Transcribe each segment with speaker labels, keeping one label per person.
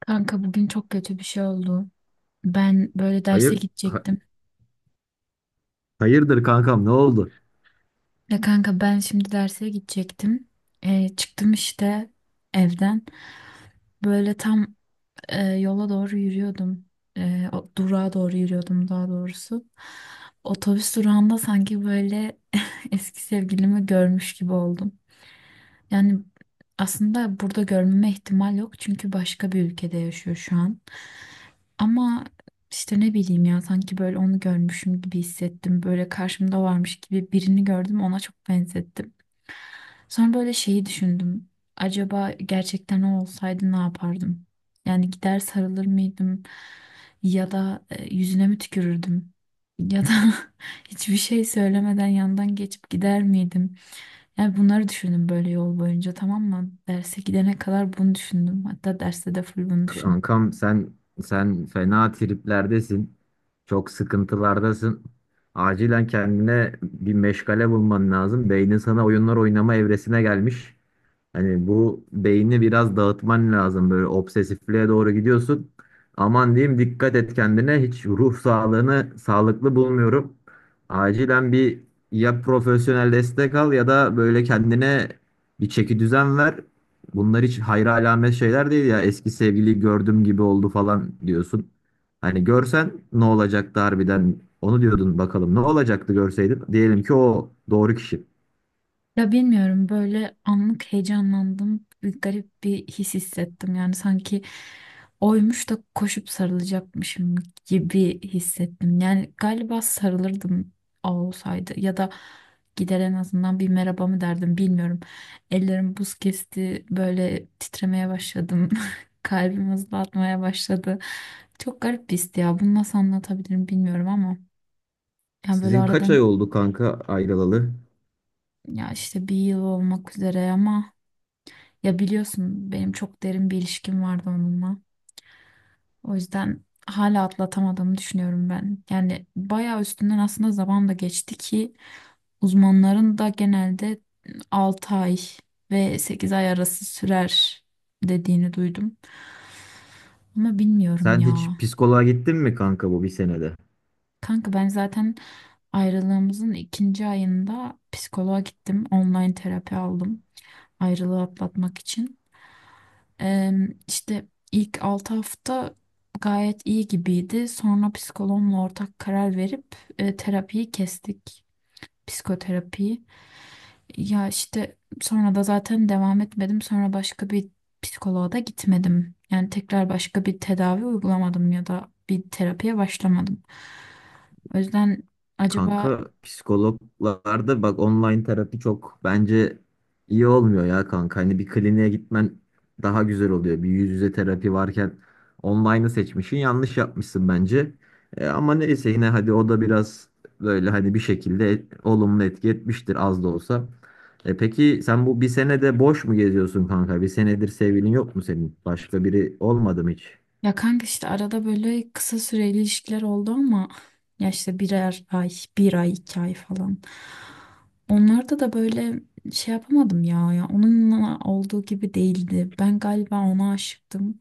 Speaker 1: Kanka bugün çok kötü bir şey oldu. Ben böyle derse
Speaker 2: Hayır,
Speaker 1: gidecektim.
Speaker 2: hayırdır kankam, ne oldu?
Speaker 1: Ya kanka ben şimdi derse gidecektim. Çıktım işte evden. Böyle tam yola doğru yürüyordum. Durağa doğru yürüyordum daha doğrusu. Otobüs durağında sanki böyle eski sevgilimi görmüş gibi oldum. Yani aslında burada görmeme ihtimal yok çünkü başka bir ülkede yaşıyor şu an. Ama işte ne bileyim ya sanki böyle onu görmüşüm gibi hissettim. Böyle karşımda varmış gibi birini gördüm ona çok benzettim. Sonra böyle şeyi düşündüm. Acaba gerçekten o olsaydı ne yapardım? Yani gider sarılır mıydım? Ya da yüzüne mi tükürürdüm? Ya da hiçbir şey söylemeden yandan geçip gider miydim? Yani bunları düşündüm böyle yol boyunca, tamam mı? Derse gidene kadar bunu düşündüm. Hatta derste de full bunu düşündüm.
Speaker 2: Kankam, sen fena triplerdesin. Çok sıkıntılardasın. Acilen kendine bir meşgale bulman lazım. Beynin sana oyunlar oynama evresine gelmiş. Hani bu beyni biraz dağıtman lazım. Böyle obsesifliğe doğru gidiyorsun. Aman diyeyim dikkat et kendine. Hiç ruh sağlığını sağlıklı bulmuyorum. Acilen bir, ya profesyonel destek al ya da böyle kendine bir çeki düzen ver. Bunlar hiç hayra alamet şeyler değil ya. Eski sevgili gördüm gibi oldu falan diyorsun. Hani görsen ne olacaktı harbiden? Onu diyordun, bakalım ne olacaktı görseydin? Diyelim ki o doğru kişi.
Speaker 1: Ya bilmiyorum, böyle anlık heyecanlandım. Bir garip bir his hissettim. Yani sanki oymuş da koşup sarılacakmışım gibi hissettim. Yani galiba sarılırdım o olsaydı, ya da gider en azından bir merhaba mı derdim bilmiyorum. Ellerim buz kesti, böyle titremeye başladım. Kalbim hızlı atmaya başladı. Çok garip bir histi ya. Bunu nasıl anlatabilirim bilmiyorum ama. Yani böyle
Speaker 2: Sizin kaç ay
Speaker 1: aradan,
Speaker 2: oldu kanka ayrılalı?
Speaker 1: ya işte bir yıl olmak üzere ama. Ya biliyorsun benim çok derin bir ilişkim vardı onunla. O yüzden hala atlatamadığımı düşünüyorum ben. Yani bayağı üstünden aslında zaman da geçti ki, uzmanların da genelde 6 ay ve 8 ay arası sürer dediğini duydum. Ama bilmiyorum
Speaker 2: Sen
Speaker 1: ya.
Speaker 2: hiç psikoloğa gittin mi kanka bu bir senede?
Speaker 1: Kanka ben zaten ayrılığımızın ikinci ayında psikoloğa gittim. Online terapi aldım ayrılığı atlatmak için. Eee işte ilk 6 hafta gayet iyi gibiydi. Sonra psikoloğumla ortak karar verip terapiyi kestik. Psikoterapiyi. Ya işte sonra da zaten devam etmedim. Sonra başka bir psikoloğa da gitmedim. Yani tekrar başka bir tedavi uygulamadım ya da bir terapiye başlamadım. O yüzden acaba.
Speaker 2: Kanka, psikologlarda bak, online terapi çok bence iyi olmuyor ya kanka. Hani bir kliniğe gitmen daha güzel oluyor. Bir yüz yüze terapi varken online'ı seçmişsin, yanlış yapmışsın bence. Ama neyse, yine hadi o da biraz böyle hani bir şekilde olumlu etki etmiştir az da olsa. Peki sen bu bir senede boş mu geziyorsun kanka? Bir senedir sevgilin yok mu senin? Başka biri olmadı mı hiç?
Speaker 1: Ya kanka işte arada böyle kısa süreli ilişkiler oldu ama, ya işte birer ay, bir ay, 2 ay falan. Onlarda da böyle şey yapamadım ya, ya onunla olduğu gibi değildi. Ben galiba ona aşıktım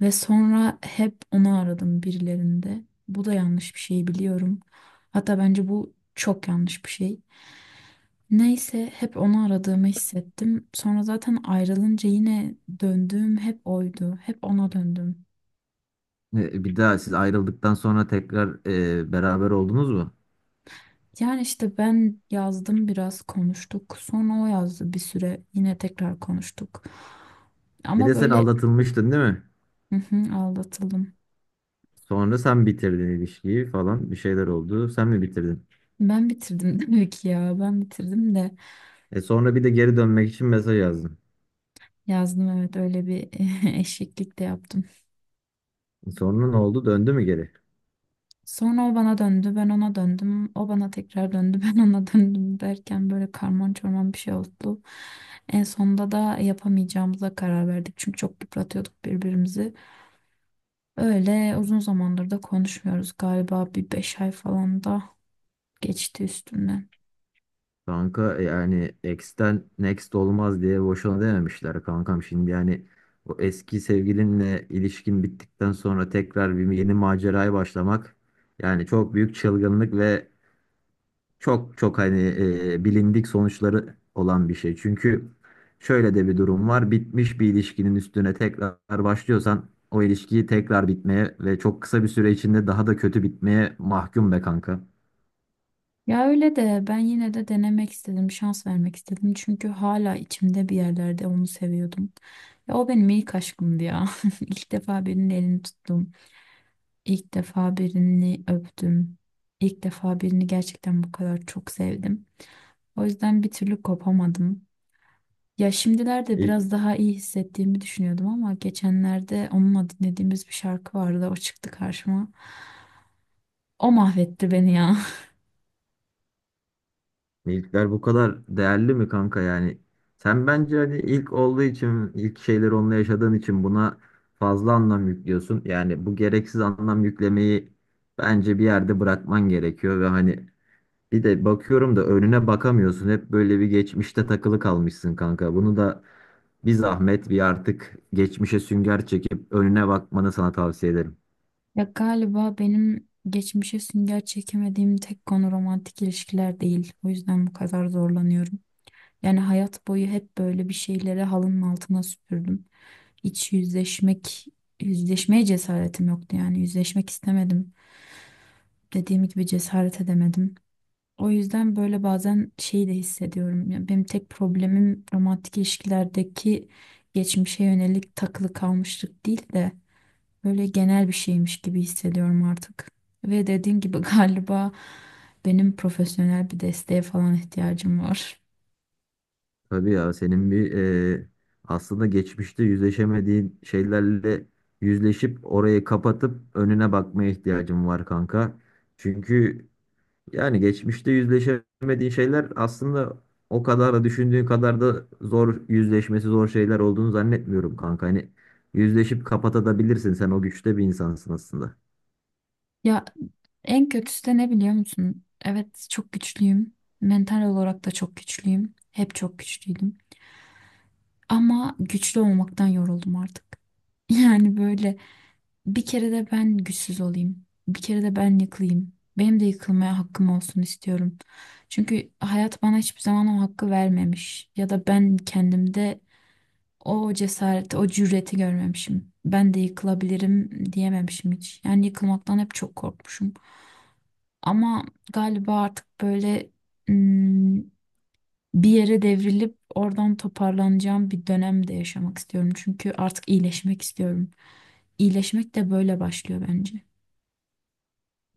Speaker 1: ve sonra hep onu aradım birilerinde. Bu da yanlış bir şey biliyorum. Hatta bence bu çok yanlış bir şey. Neyse, hep onu aradığımı hissettim. Sonra zaten ayrılınca yine döndüğüm hep oydu. Hep ona döndüm.
Speaker 2: Bir daha siz ayrıldıktan sonra tekrar beraber oldunuz mu?
Speaker 1: Yani işte ben yazdım, biraz konuştuk. Sonra o yazdı bir süre. Yine tekrar konuştuk.
Speaker 2: Bir
Speaker 1: Ama
Speaker 2: de sen
Speaker 1: böyle
Speaker 2: aldatılmıştın değil mi?
Speaker 1: hı hı, aldatıldım.
Speaker 2: Sonra sen bitirdin ilişkiyi falan, bir şeyler oldu. Sen mi bitirdin?
Speaker 1: Ben bitirdim demek ki ya. Ben bitirdim de
Speaker 2: E sonra bir de geri dönmek için mesaj yazdın.
Speaker 1: yazdım, evet, öyle bir eşeklik de yaptım.
Speaker 2: Sonra ne oldu? Döndü mü geri?
Speaker 1: Sonra o bana döndü, ben ona döndüm. O bana tekrar döndü, ben ona döndüm derken böyle karman çorman bir şey oldu. En sonunda da yapamayacağımıza karar verdik. Çünkü çok yıpratıyorduk birbirimizi. Öyle uzun zamandır da konuşmuyoruz, galiba bir 5 ay falan da geçti üstünden.
Speaker 2: Kanka, yani ex'ten next olmaz diye boşuna dememişler kankam. Şimdi yani o eski sevgilinle ilişkin bittikten sonra tekrar bir yeni maceraya başlamak yani çok büyük çılgınlık ve çok hani bilindik sonuçları olan bir şey. Çünkü şöyle de bir durum var. Bitmiş bir ilişkinin üstüne tekrar başlıyorsan o ilişkiyi tekrar bitmeye ve çok kısa bir süre içinde daha da kötü bitmeye mahkum be kanka.
Speaker 1: Ya öyle de ben yine de denemek istedim, şans vermek istedim. Çünkü hala içimde bir yerlerde onu seviyordum. Ya o benim ilk aşkımdı ya. İlk defa birinin elini tuttum. İlk defa birini öptüm. İlk defa birini gerçekten bu kadar çok sevdim. O yüzden bir türlü kopamadım. Ya şimdilerde
Speaker 2: İlk,
Speaker 1: biraz daha iyi hissettiğimi düşünüyordum ama geçenlerde onunla dinlediğimiz bir şarkı vardı. O çıktı karşıma. O mahvetti beni ya.
Speaker 2: ilkler bu kadar değerli mi kanka yani? Sen bence hani ilk olduğu için, ilk şeyleri onunla yaşadığın için buna fazla anlam yüklüyorsun. Yani bu gereksiz anlam yüklemeyi bence bir yerde bırakman gerekiyor ve hani bir de bakıyorum da önüne bakamıyorsun. Hep böyle bir geçmişte takılı kalmışsın kanka. Bunu da bir zahmet bir artık geçmişe sünger çekip önüne bakmanı sana tavsiye ederim.
Speaker 1: Ya galiba benim geçmişe sünger çekemediğim tek konu romantik ilişkiler değil. O yüzden bu kadar zorlanıyorum. Yani hayat boyu hep böyle bir şeyleri halının altına süpürdüm. Hiç yüzleşmek, Yüzleşmeye cesaretim yoktu yani. Yüzleşmek istemedim. Dediğim gibi cesaret edemedim. O yüzden böyle bazen şeyi de hissediyorum. Yani benim tek problemim romantik ilişkilerdeki geçmişe yönelik takılı kalmışlık değil de böyle genel bir şeymiş gibi hissediyorum artık. Ve dediğim gibi galiba benim profesyonel bir desteğe falan ihtiyacım var.
Speaker 2: Tabii ya, senin bir, e, aslında geçmişte yüzleşemediğin şeylerle yüzleşip orayı kapatıp önüne bakmaya ihtiyacın var kanka. Çünkü yani geçmişte yüzleşemediğin şeyler aslında o kadar da, düşündüğün kadar da zor, yüzleşmesi zor şeyler olduğunu zannetmiyorum kanka. Hani yüzleşip kapatabilirsin. Sen o güçte bir insansın aslında.
Speaker 1: Ya en kötüsü de ne biliyor musun? Evet, çok güçlüyüm. Mental olarak da çok güçlüyüm. Hep çok güçlüydüm. Ama güçlü olmaktan yoruldum artık. Yani böyle, bir kere de ben güçsüz olayım. Bir kere de ben yıkılayım. Benim de yıkılmaya hakkım olsun istiyorum. Çünkü hayat bana hiçbir zaman o hakkı vermemiş. Ya da ben kendimde o cesareti, o cüreti görmemişim. Ben de yıkılabilirim diyememişim hiç. Yani yıkılmaktan hep çok korkmuşum. Ama galiba artık böyle hmm, bir yere devrilip oradan toparlanacağım bir dönemde yaşamak istiyorum. Çünkü artık iyileşmek istiyorum. İyileşmek de böyle başlıyor bence.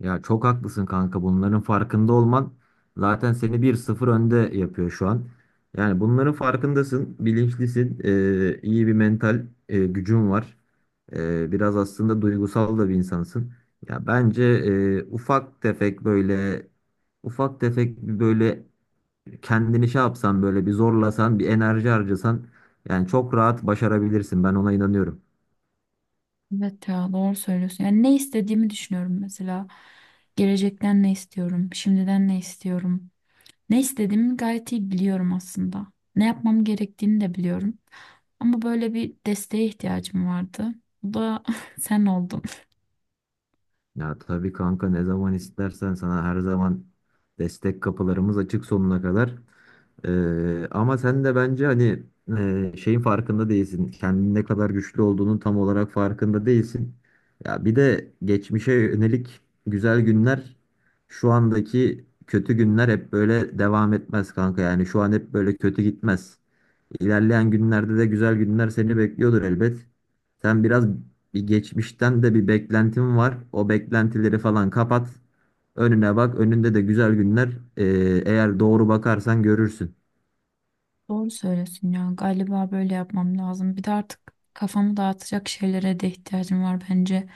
Speaker 2: Ya çok haklısın kanka. Bunların farkında olman zaten seni bir sıfır önde yapıyor şu an. Yani bunların farkındasın, bilinçlisin, iyi bir mental gücün var. Biraz aslında duygusal da bir insansın. Ya bence ufak tefek böyle, ufak tefek bir böyle, kendini şey yapsan, böyle bir zorlasan, bir enerji harcasan yani çok rahat başarabilirsin. Ben ona inanıyorum.
Speaker 1: Evet ya, doğru söylüyorsun. Yani ne istediğimi düşünüyorum mesela. Gelecekten ne istiyorum? Şimdiden ne istiyorum? Ne istediğimi gayet iyi biliyorum aslında. Ne yapmam gerektiğini de biliyorum. Ama böyle bir desteğe ihtiyacım vardı. Bu da sen oldun.
Speaker 2: Ya tabii kanka, ne zaman istersen sana her zaman destek kapılarımız açık sonuna kadar. Ama sen de bence hani şeyin farkında değilsin. Kendin ne kadar güçlü olduğunun tam olarak farkında değilsin. Ya bir de geçmişe yönelik güzel günler, şu andaki kötü günler hep böyle devam etmez kanka. Yani şu an hep böyle kötü gitmez. İlerleyen günlerde de güzel günler seni bekliyordur elbet. Sen biraz, bir geçmişten de bir beklentin var. O beklentileri falan kapat. Önüne bak. Önünde de güzel günler. Ee, Eğer doğru bakarsan görürsün.
Speaker 1: Doğru söylüyorsun ya. Galiba böyle yapmam lazım. Bir de artık kafamı dağıtacak şeylere de ihtiyacım var bence.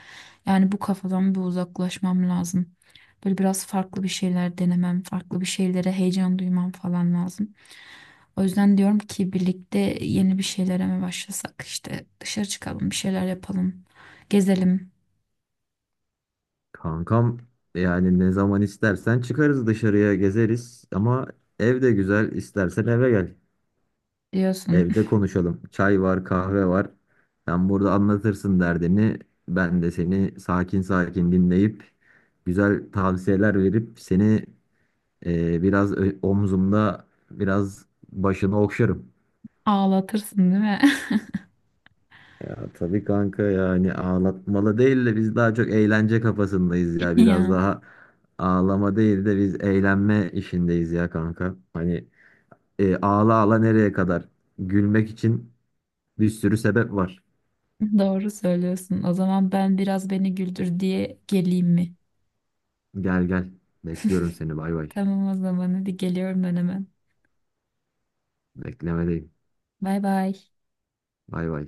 Speaker 1: Yani bu kafadan bir uzaklaşmam lazım. Böyle biraz farklı bir şeyler denemem, farklı bir şeylere heyecan duymam falan lazım. O yüzden diyorum ki birlikte yeni bir şeylere mi başlasak? İşte dışarı çıkalım, bir şeyler yapalım, gezelim
Speaker 2: Kankam yani ne zaman istersen çıkarız dışarıya, gezeriz. Ama ev de güzel. İstersen eve gel.
Speaker 1: diyorsun.
Speaker 2: Evde konuşalım. Çay var, kahve var. Sen burada anlatırsın derdini. Ben de seni sakin sakin dinleyip güzel tavsiyeler verip seni, omzumda biraz başını okşarım.
Speaker 1: Ağlatırsın değil mi?
Speaker 2: Ya tabii kanka, yani ağlatmalı değil de biz daha çok eğlence kafasındayız ya. Biraz
Speaker 1: Ya
Speaker 2: daha ağlama değil de biz eğlenme işindeyiz ya kanka. Hani ağla ağla nereye kadar? Gülmek için bir sürü sebep var.
Speaker 1: doğru söylüyorsun. O zaman ben biraz beni güldür diye geleyim mi?
Speaker 2: Gel gel. Bekliyorum seni, bay bay.
Speaker 1: Tamam, o zaman hadi geliyorum ben hemen.
Speaker 2: Beklemedeyim.
Speaker 1: Bay bay.
Speaker 2: Bay bay.